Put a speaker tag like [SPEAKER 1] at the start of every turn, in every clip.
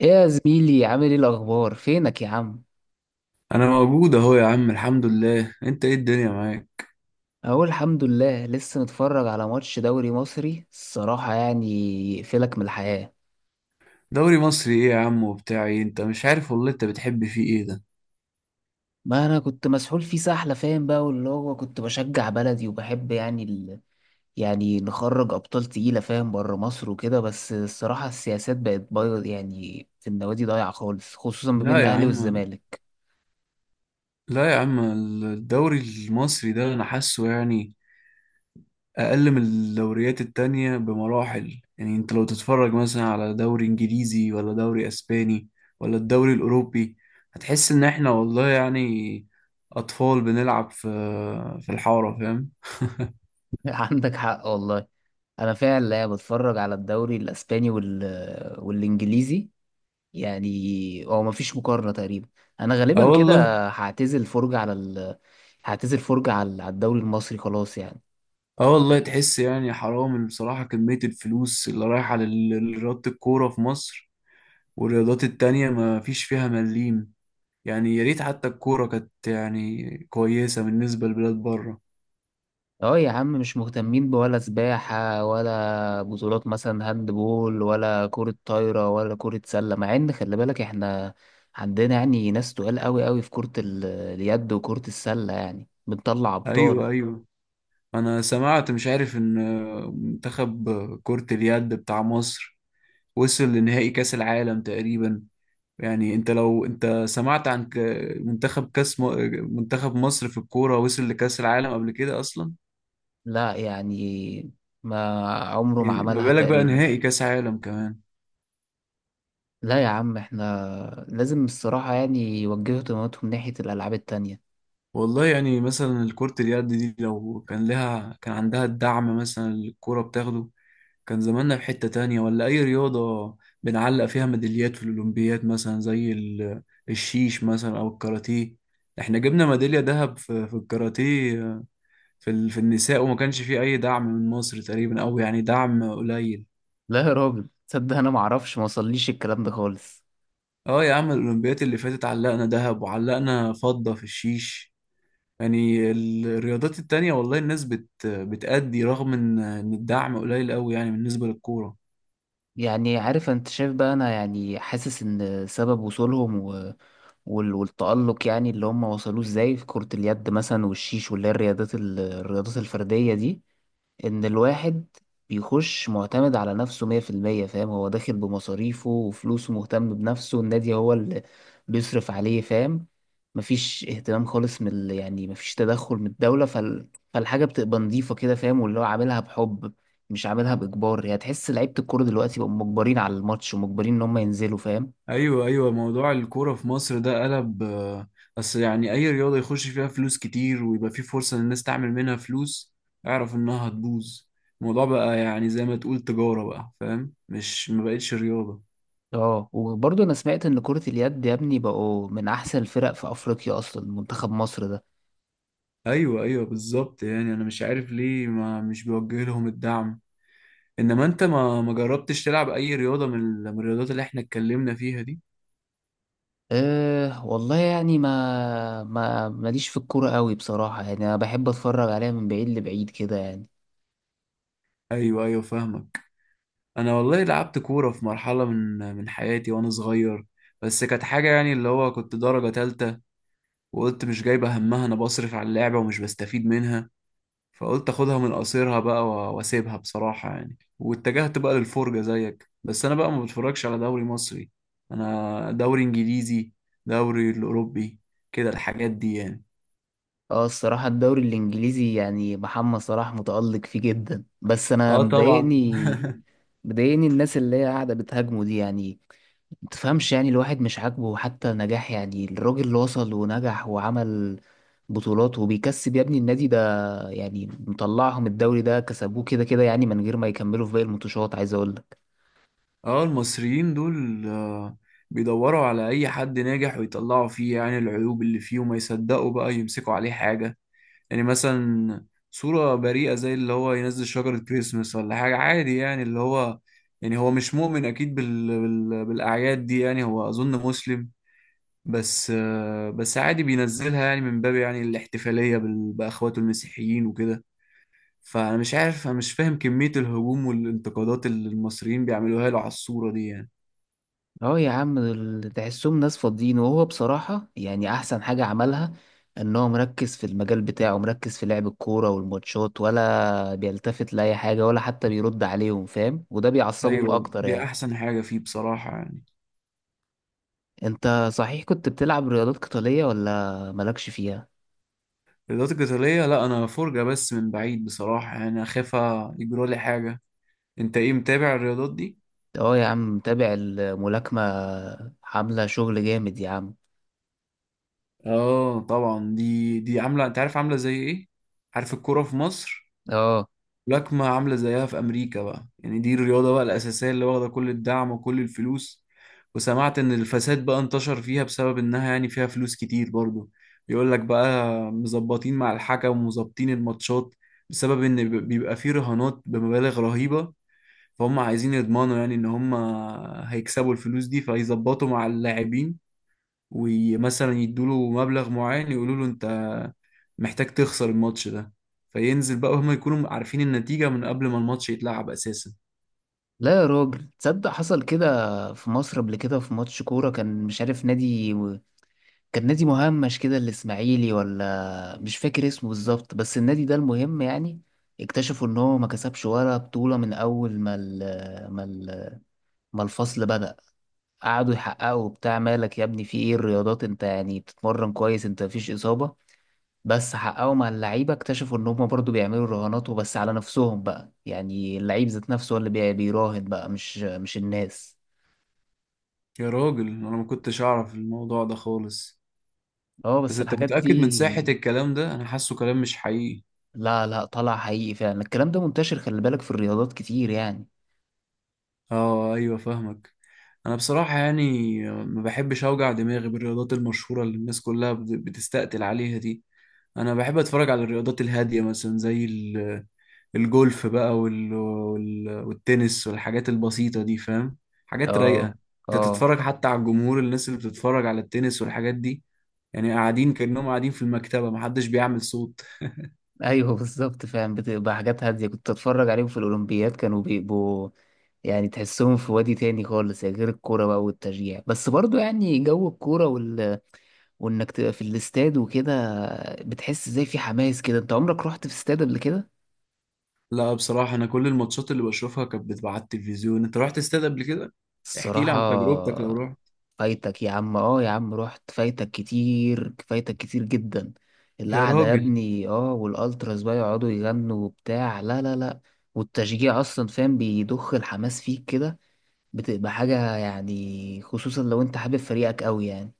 [SPEAKER 1] ايه يا زميلي، عامل ايه؟ الاخبار؟ فينك يا عم؟
[SPEAKER 2] انا موجود اهو يا عم، الحمد لله. انت ايه؟ الدنيا معاك؟
[SPEAKER 1] اقول الحمد لله. لسه متفرج على ماتش دوري مصري الصراحه يقفلك من الحياه.
[SPEAKER 2] دوري مصري ايه يا عم وبتاع ايه؟ انت مش عارف والله، انت بتحب فيه ايه ده؟
[SPEAKER 1] ما انا كنت مسحول فيه سحله، فاهم بقى. واللي هو كنت بشجع بلدي وبحب يعني نخرج ابطال تقيله فاهم، بره مصر وكده. بس الصراحه السياسات بقت بايظ يعني، في النوادي ضايعه خالص، خصوصا ما بين
[SPEAKER 2] لا يا
[SPEAKER 1] الاهلي
[SPEAKER 2] عم.
[SPEAKER 1] والزمالك.
[SPEAKER 2] لا يا عم. الدوري المصري ده انا حاسه يعني اقل من الدوريات التانية بمراحل. يعني انت لو تتفرج مثلا على دوري انجليزي ولا دوري اسباني ولا الدوري الاوروبي، هتحس ان احنا والله يعني اطفال بنلعب في الحارة، فاهم؟
[SPEAKER 1] عندك حق والله. انا فعلا بتفرج على الدوري الاسباني والانجليزي، يعني هو مفيش مقارنة تقريبا. انا
[SPEAKER 2] اه
[SPEAKER 1] غالبا كده
[SPEAKER 2] والله.
[SPEAKER 1] هعتزل فرجة على ال... هعتزل فرجة على الدوري المصري خلاص يعني.
[SPEAKER 2] اه والله. تحس يعني حرام بصراحة كمية الفلوس اللي رايحة لرياضة الكورة في مصر، والرياضات التانية ما فيش فيها مليم. يعني يا ريت حتى الكورة كانت يعني كويسة بالنسبة لبلاد بره.
[SPEAKER 1] اه يا عم، مش مهتمين بولا سباحة، ولا بطولات مثلا هاند بول، ولا كرة طايرة، ولا كرة سلة، مع ان خلي بالك احنا عندنا يعني ناس تقال قوي في اليد وكرة السلة، يعني بنطلع ابطال.
[SPEAKER 2] أيوة، أيوة. أنا سمعت، مش عارف، إن منتخب كرة اليد بتاع مصر وصل لنهائي كأس العالم تقريبا. يعني أنت لو أنت سمعت عن منتخب مصر في الكورة وصل لكأس العالم قبل كده أصلا؟
[SPEAKER 1] لا يعني، ما عمره ما
[SPEAKER 2] يعني ما
[SPEAKER 1] عملها
[SPEAKER 2] بالك بقى
[SPEAKER 1] تقريبا.
[SPEAKER 2] نهائي كاس عالم كمان.
[SPEAKER 1] لا يا عم، احنا لازم الصراحة يعني يوجهوا اهتماماتهم ناحية الألعاب التانية.
[SPEAKER 2] والله يعني مثلا الكرة اليد دي لو كان لها، كان عندها الدعم مثلا اللي الكرة بتاخده، كان زماننا في حتة تانية. ولا أي رياضة بنعلق فيها ميداليات في الأولمبياد، مثلا زي الشيش مثلا أو الكاراتيه. احنا جبنا ميدالية ذهب في الكاراتيه، في النساء، وما كانش فيه أي دعم من مصر تقريبا أو يعني دعم قليل.
[SPEAKER 1] لا يا راجل، تصدق أنا معرفش؟ موصليش الكلام ده خالص.
[SPEAKER 2] اه يا عم، الأولمبياد اللي فاتت علقنا ذهب وعلقنا فضة في الشيش. يعني الرياضات التانية والله الناس بتأدي رغم إن الدعم قليل قوي يعني بالنسبة للكورة.
[SPEAKER 1] يعني عارف أنت، شايف بقى، أنا يعني حاسس إن سبب وصولهم والتألق يعني اللي هم وصلوه إزاي في كرة اليد مثلا والشيش، واللي هي الرياضات الفردية دي، ان الواحد بيخش معتمد على نفسه 100% فاهم. هو داخل بمصاريفه وفلوسه، مهتم بنفسه، النادي هو اللي بيصرف عليه فاهم. مفيش اهتمام خالص من يعني مفيش تدخل من الدولة. فالحاجة بتبقى نظيفة كده فاهم، واللي هو عاملها بحب، مش عاملها بإجبار. يعني تحس لعيبة الكورة دلوقتي بقوا مجبرين على الماتش، ومجبرين إن هم ينزلوا فاهم.
[SPEAKER 2] ايوه، ايوه. موضوع الكورة في مصر ده قلب، بس يعني اي رياضة يخش فيها فلوس كتير ويبقى في فرصة للناس تعمل منها فلوس اعرف انها هتبوظ. الموضوع بقى يعني زي ما تقول تجارة بقى، فاهم؟ مش، ما بقتش رياضة.
[SPEAKER 1] اه وبرضه أنا سمعت إن كرة اليد يا ابني بقوا من أحسن الفرق في أفريقيا أصلا، منتخب مصر ده.
[SPEAKER 2] ايوه، ايوه، بالظبط. يعني انا مش عارف ليه ما مش بوجه لهم الدعم. انما انت ما جربتش تلعب اي رياضة من الرياضات اللي احنا اتكلمنا فيها دي؟
[SPEAKER 1] أه والله يعني ما ما ماليش في الكورة قوي بصراحة، يعني أنا بحب أتفرج عليها من بعيد لبعيد كده يعني.
[SPEAKER 2] ايوه، ايوه، فاهمك. انا والله لعبت كوره في مرحله من حياتي وانا صغير، بس كانت حاجه يعني اللي هو كنت درجه تالتة، وقلت مش جايبه همها، انا بصرف على اللعبه ومش بستفيد منها، فقلت اخدها من قصيرها بقى واسيبها بصراحه يعني، واتجهت بقى للفرجه زيك، بس انا بقى ما بتفرجش على دوري مصري. انا دوري انجليزي، دوري الاوروبي، كده الحاجات دي يعني.
[SPEAKER 1] اه الصراحة الدوري الإنجليزي، يعني محمد صلاح متألق فيه جدا، بس أنا
[SPEAKER 2] اه طبعا.
[SPEAKER 1] مضايقني الناس اللي هي قاعدة بتهاجمه دي يعني. متفهمش، يعني الواحد مش عاجبه حتى نجاح، يعني الراجل اللي وصل ونجح وعمل بطولات وبيكسب يا ابني. النادي ده يعني مطلعهم، الدوري ده كسبوه كده يعني من غير ما يكملوا في باقي الماتشات، عايز أقول.
[SPEAKER 2] اه، المصريين دول بيدوروا على اي حد ناجح ويطلعوا فيه يعني العيوب اللي فيه وما يصدقوا بقى يمسكوا عليه حاجة. يعني مثلا صورة بريئة زي اللي هو ينزل شجرة كريسمس ولا حاجة عادي، يعني اللي هو يعني هو مش مؤمن اكيد بالاعياد دي، يعني هو اظن مسلم، بس بس عادي بينزلها يعني من باب يعني الاحتفالية باخواته المسيحيين وكده. فانا مش عارف، انا مش فاهم كمية الهجوم والانتقادات اللي المصريين بيعملوها له على الصورة دي يعني.
[SPEAKER 1] اه يا عم، دول تحسهم ناس فاضيين. وهو بصراحة يعني أحسن حاجة عملها إن هو مركز في المجال بتاعه، مركز في لعب الكورة والماتشات، ولا بيلتفت لأي حاجة، ولا حتى بيرد عليهم فاهم، وده بيعصبهم
[SPEAKER 2] ايوه،
[SPEAKER 1] أكتر
[SPEAKER 2] دي
[SPEAKER 1] يعني.
[SPEAKER 2] احسن حاجه فيه بصراحه يعني.
[SPEAKER 1] أنت صحيح كنت بتلعب رياضات قتالية ولا مالكش فيها؟
[SPEAKER 2] الرياضات القتاليه لا، انا فرجه بس من بعيد بصراحه، يعني اخاف يجرى لي حاجه. انت ايه؟ متابع الرياضات دي؟
[SPEAKER 1] اه يا عم، متابع الملاكمة، عاملة شغل جامد يا عم.
[SPEAKER 2] اه طبعا، دي عامله، انت عارف عامله زي ايه؟ عارف الكوره في مصر؟
[SPEAKER 1] اه.
[SPEAKER 2] ملاكمة عاملة زيها في أمريكا بقى، يعني دي الرياضة بقى الأساسية اللي واخدة كل الدعم وكل الفلوس. وسمعت إن الفساد بقى انتشر فيها بسبب إنها يعني فيها فلوس كتير برضو. يقول لك بقى مظبطين مع الحكم ومظبطين الماتشات بسبب إن بيبقى فيه رهانات بمبالغ رهيبة، فهم عايزين يضمنوا يعني إن هم هيكسبوا الفلوس دي، فيظبطوا مع اللاعبين ومثلا يدوا له مبلغ معين، يقولوا له أنت محتاج تخسر الماتش ده، فينزل بقى وهم يكونوا عارفين النتيجة من قبل ما الماتش يتلعب أساسا.
[SPEAKER 1] لا يا راجل تصدق، حصل كده في مصر قبل كده في ماتش كورة، كان مش عارف نادي، كان نادي مهمش كده، الاسماعيلي ولا مش فاكر اسمه بالظبط، بس النادي ده المهم يعني اكتشفوا ان هو ما كسبش ولا بطولة من اول ما ال ما ال ما الفصل بدأ. قعدوا يحققوا بتاع، مالك يا ابني؟ في ايه الرياضات؟ انت يعني بتتمرن كويس؟ انت مفيش اصابة؟ بس حققوا مع اللعيبة، اكتشفوا ان هما برضو بيعملوا رهانات، وبس على نفسهم بقى، يعني اللعيب ذات نفسه هو اللي بيراهن بقى، مش الناس.
[SPEAKER 2] يا راجل، أنا ما كنتش أعرف الموضوع ده خالص.
[SPEAKER 1] اه
[SPEAKER 2] بس
[SPEAKER 1] بس
[SPEAKER 2] أنت
[SPEAKER 1] الحاجات دي.
[SPEAKER 2] متأكد من صحة الكلام ده؟ أنا حاسه كلام مش حقيقي.
[SPEAKER 1] لا لا، طلع حقيقي فعلا، الكلام ده منتشر، خلي بالك في الرياضات كتير يعني.
[SPEAKER 2] آه أيوة، فاهمك. أنا بصراحة يعني ما بحبش أوجع دماغي بالرياضات المشهورة اللي الناس كلها بتستقتل عليها دي. أنا بحب أتفرج على الرياضات الهادية مثلا زي الجولف بقى والتنس والحاجات البسيطة دي، فاهم؟ حاجات
[SPEAKER 1] اه.
[SPEAKER 2] رايقة. انت
[SPEAKER 1] اه.
[SPEAKER 2] تتفرج حتى على الجمهور، الناس اللي بتتفرج على التنس والحاجات دي، يعني قاعدين كأنهم قاعدين في المكتبة، محدش بيعمل صوت.
[SPEAKER 1] ايوه. بالظبط، فعلا بتبقى حاجات هادية، كنت اتفرج عليهم في الاولمبياد، كانوا بيبقوا يعني تحسهم في وادي تاني خالص يعني، غير الكورة بقى والتشجيع. بس برضو يعني جو الكورة، وانك تبقى في الاستاد وكده، بتحس زي في حماس كده. انت عمرك رحت في استاد قبل كده؟
[SPEAKER 2] لا بصراحة، أنا كل الماتشات اللي بشوفها كانت بتبقى على التلفزيون. أنت رحت استاد قبل كده؟ احكي لي
[SPEAKER 1] الصراحة
[SPEAKER 2] عن تجربتك لو رحت.
[SPEAKER 1] فايتك يا عم، اه يا عم رحت، فايتك كتير، فايتك كتير جدا.
[SPEAKER 2] يا
[SPEAKER 1] القعدة يا
[SPEAKER 2] راجل.
[SPEAKER 1] ابني، اه، والالتراس بقى يقعدوا يغنوا وبتاع، لا لا لا، والتشجيع اصلا فاهم بيضخ الحماس فيك كده، بتبقى حاجة يعني، خصوصا لو انت حابب فريقك قوي يعني.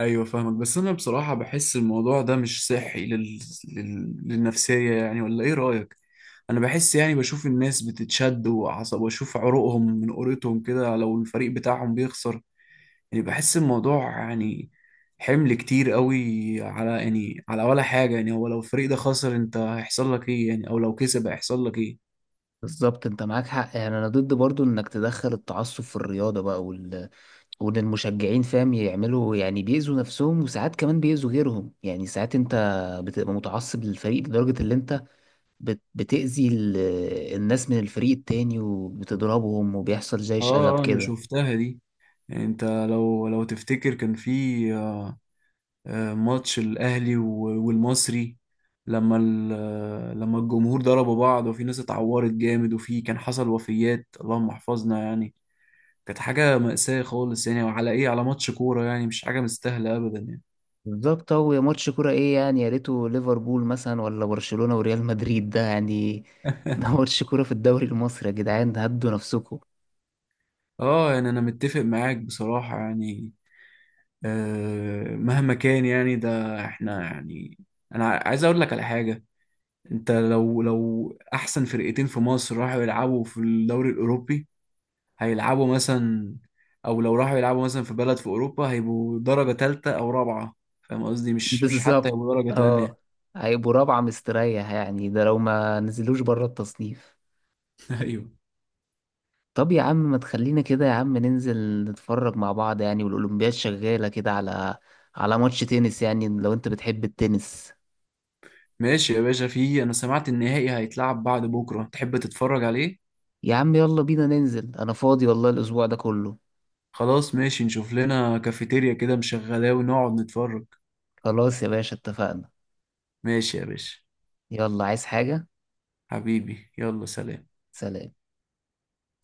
[SPEAKER 2] أيوة فاهمك، بس أنا بصراحة بحس الموضوع ده مش صحي للنفسية، يعني ولا إيه رأيك؟ انا بحس يعني بشوف الناس بتتشد وعصب واشوف عروقهم من قريتهم كده لو الفريق بتاعهم بيخسر. يعني بحس الموضوع يعني حمل كتير قوي على، يعني على ولا حاجة. يعني هو لو الفريق ده خسر انت هيحصل لك ايه؟ يعني او لو كسب هيحصل لك ايه؟
[SPEAKER 1] بالظبط، انت معاك حق. يعني انا ضد برضو انك تدخل التعصب في الرياضة، وان المشجعين فاهم يعملوا، يعني بيأذوا نفسهم، وساعات كمان بيأذوا غيرهم. يعني ساعات انت بتبقى متعصب للفريق لدرجة اللي انت بتأذي الناس من الفريق التاني، وبتضربهم، وبيحصل زي
[SPEAKER 2] اه.
[SPEAKER 1] شغب
[SPEAKER 2] انا
[SPEAKER 1] كده.
[SPEAKER 2] شفتها دي. يعني انت لو تفتكر كان في ماتش الاهلي والمصري، لما ال- آه، لما الجمهور ضربوا بعض وفي ناس اتعورت جامد وفي كان حصل وفيات، اللهم احفظنا يعني. كانت حاجة مأساة خالص يعني، وعلى ايه؟ على ماتش كورة؟ يعني مش حاجة مستاهلة ابدا يعني.
[SPEAKER 1] بالظبط، هو يا ماتش كورة ايه يعني؟ يا ريته ليفربول مثلا، ولا برشلونة وريال مدريد ده يعني. ده ماتش كورة في الدوري المصري يا جدعان، هدوا نفسكم.
[SPEAKER 2] اه يعني انا متفق معاك بصراحة يعني. مهما كان يعني ده احنا يعني، انا عايز اقول لك على حاجة. انت لو احسن فرقتين في مصر راحوا يلعبوا في الدوري الاوروبي هيلعبوا مثلا، او لو راحوا يلعبوا مثلا في بلد في اوروبا، هيبقوا درجة تالتة او رابعة. فاهم قصدي؟ مش حتى
[SPEAKER 1] بالظبط.
[SPEAKER 2] هيبقوا درجة
[SPEAKER 1] اه.
[SPEAKER 2] تانية.
[SPEAKER 1] هيبقوا رابعة مستريح يعني، ده لو ما نزلوش بره التصنيف.
[SPEAKER 2] ايوه.
[SPEAKER 1] طب يا عم، ما تخلينا كده يا عم ننزل نتفرج مع بعض، يعني والأولمبياد شغالة كده، على على ماتش تنس يعني لو انت بتحب التنس.
[SPEAKER 2] ماشي يا باشا، فيه انا سمعت النهائي هيتلعب بعد بكره، تحب تتفرج عليه؟
[SPEAKER 1] يا عم يلا بينا ننزل، انا فاضي والله الاسبوع ده كله.
[SPEAKER 2] خلاص ماشي، نشوف لنا كافيتيريا كده مشغلاه ونقعد نتفرج.
[SPEAKER 1] خلاص يا باشا، اتفقنا.
[SPEAKER 2] ماشي يا باشا.
[SPEAKER 1] يلا، عايز حاجة؟
[SPEAKER 2] حبيبي يلا سلام.
[SPEAKER 1] سلام.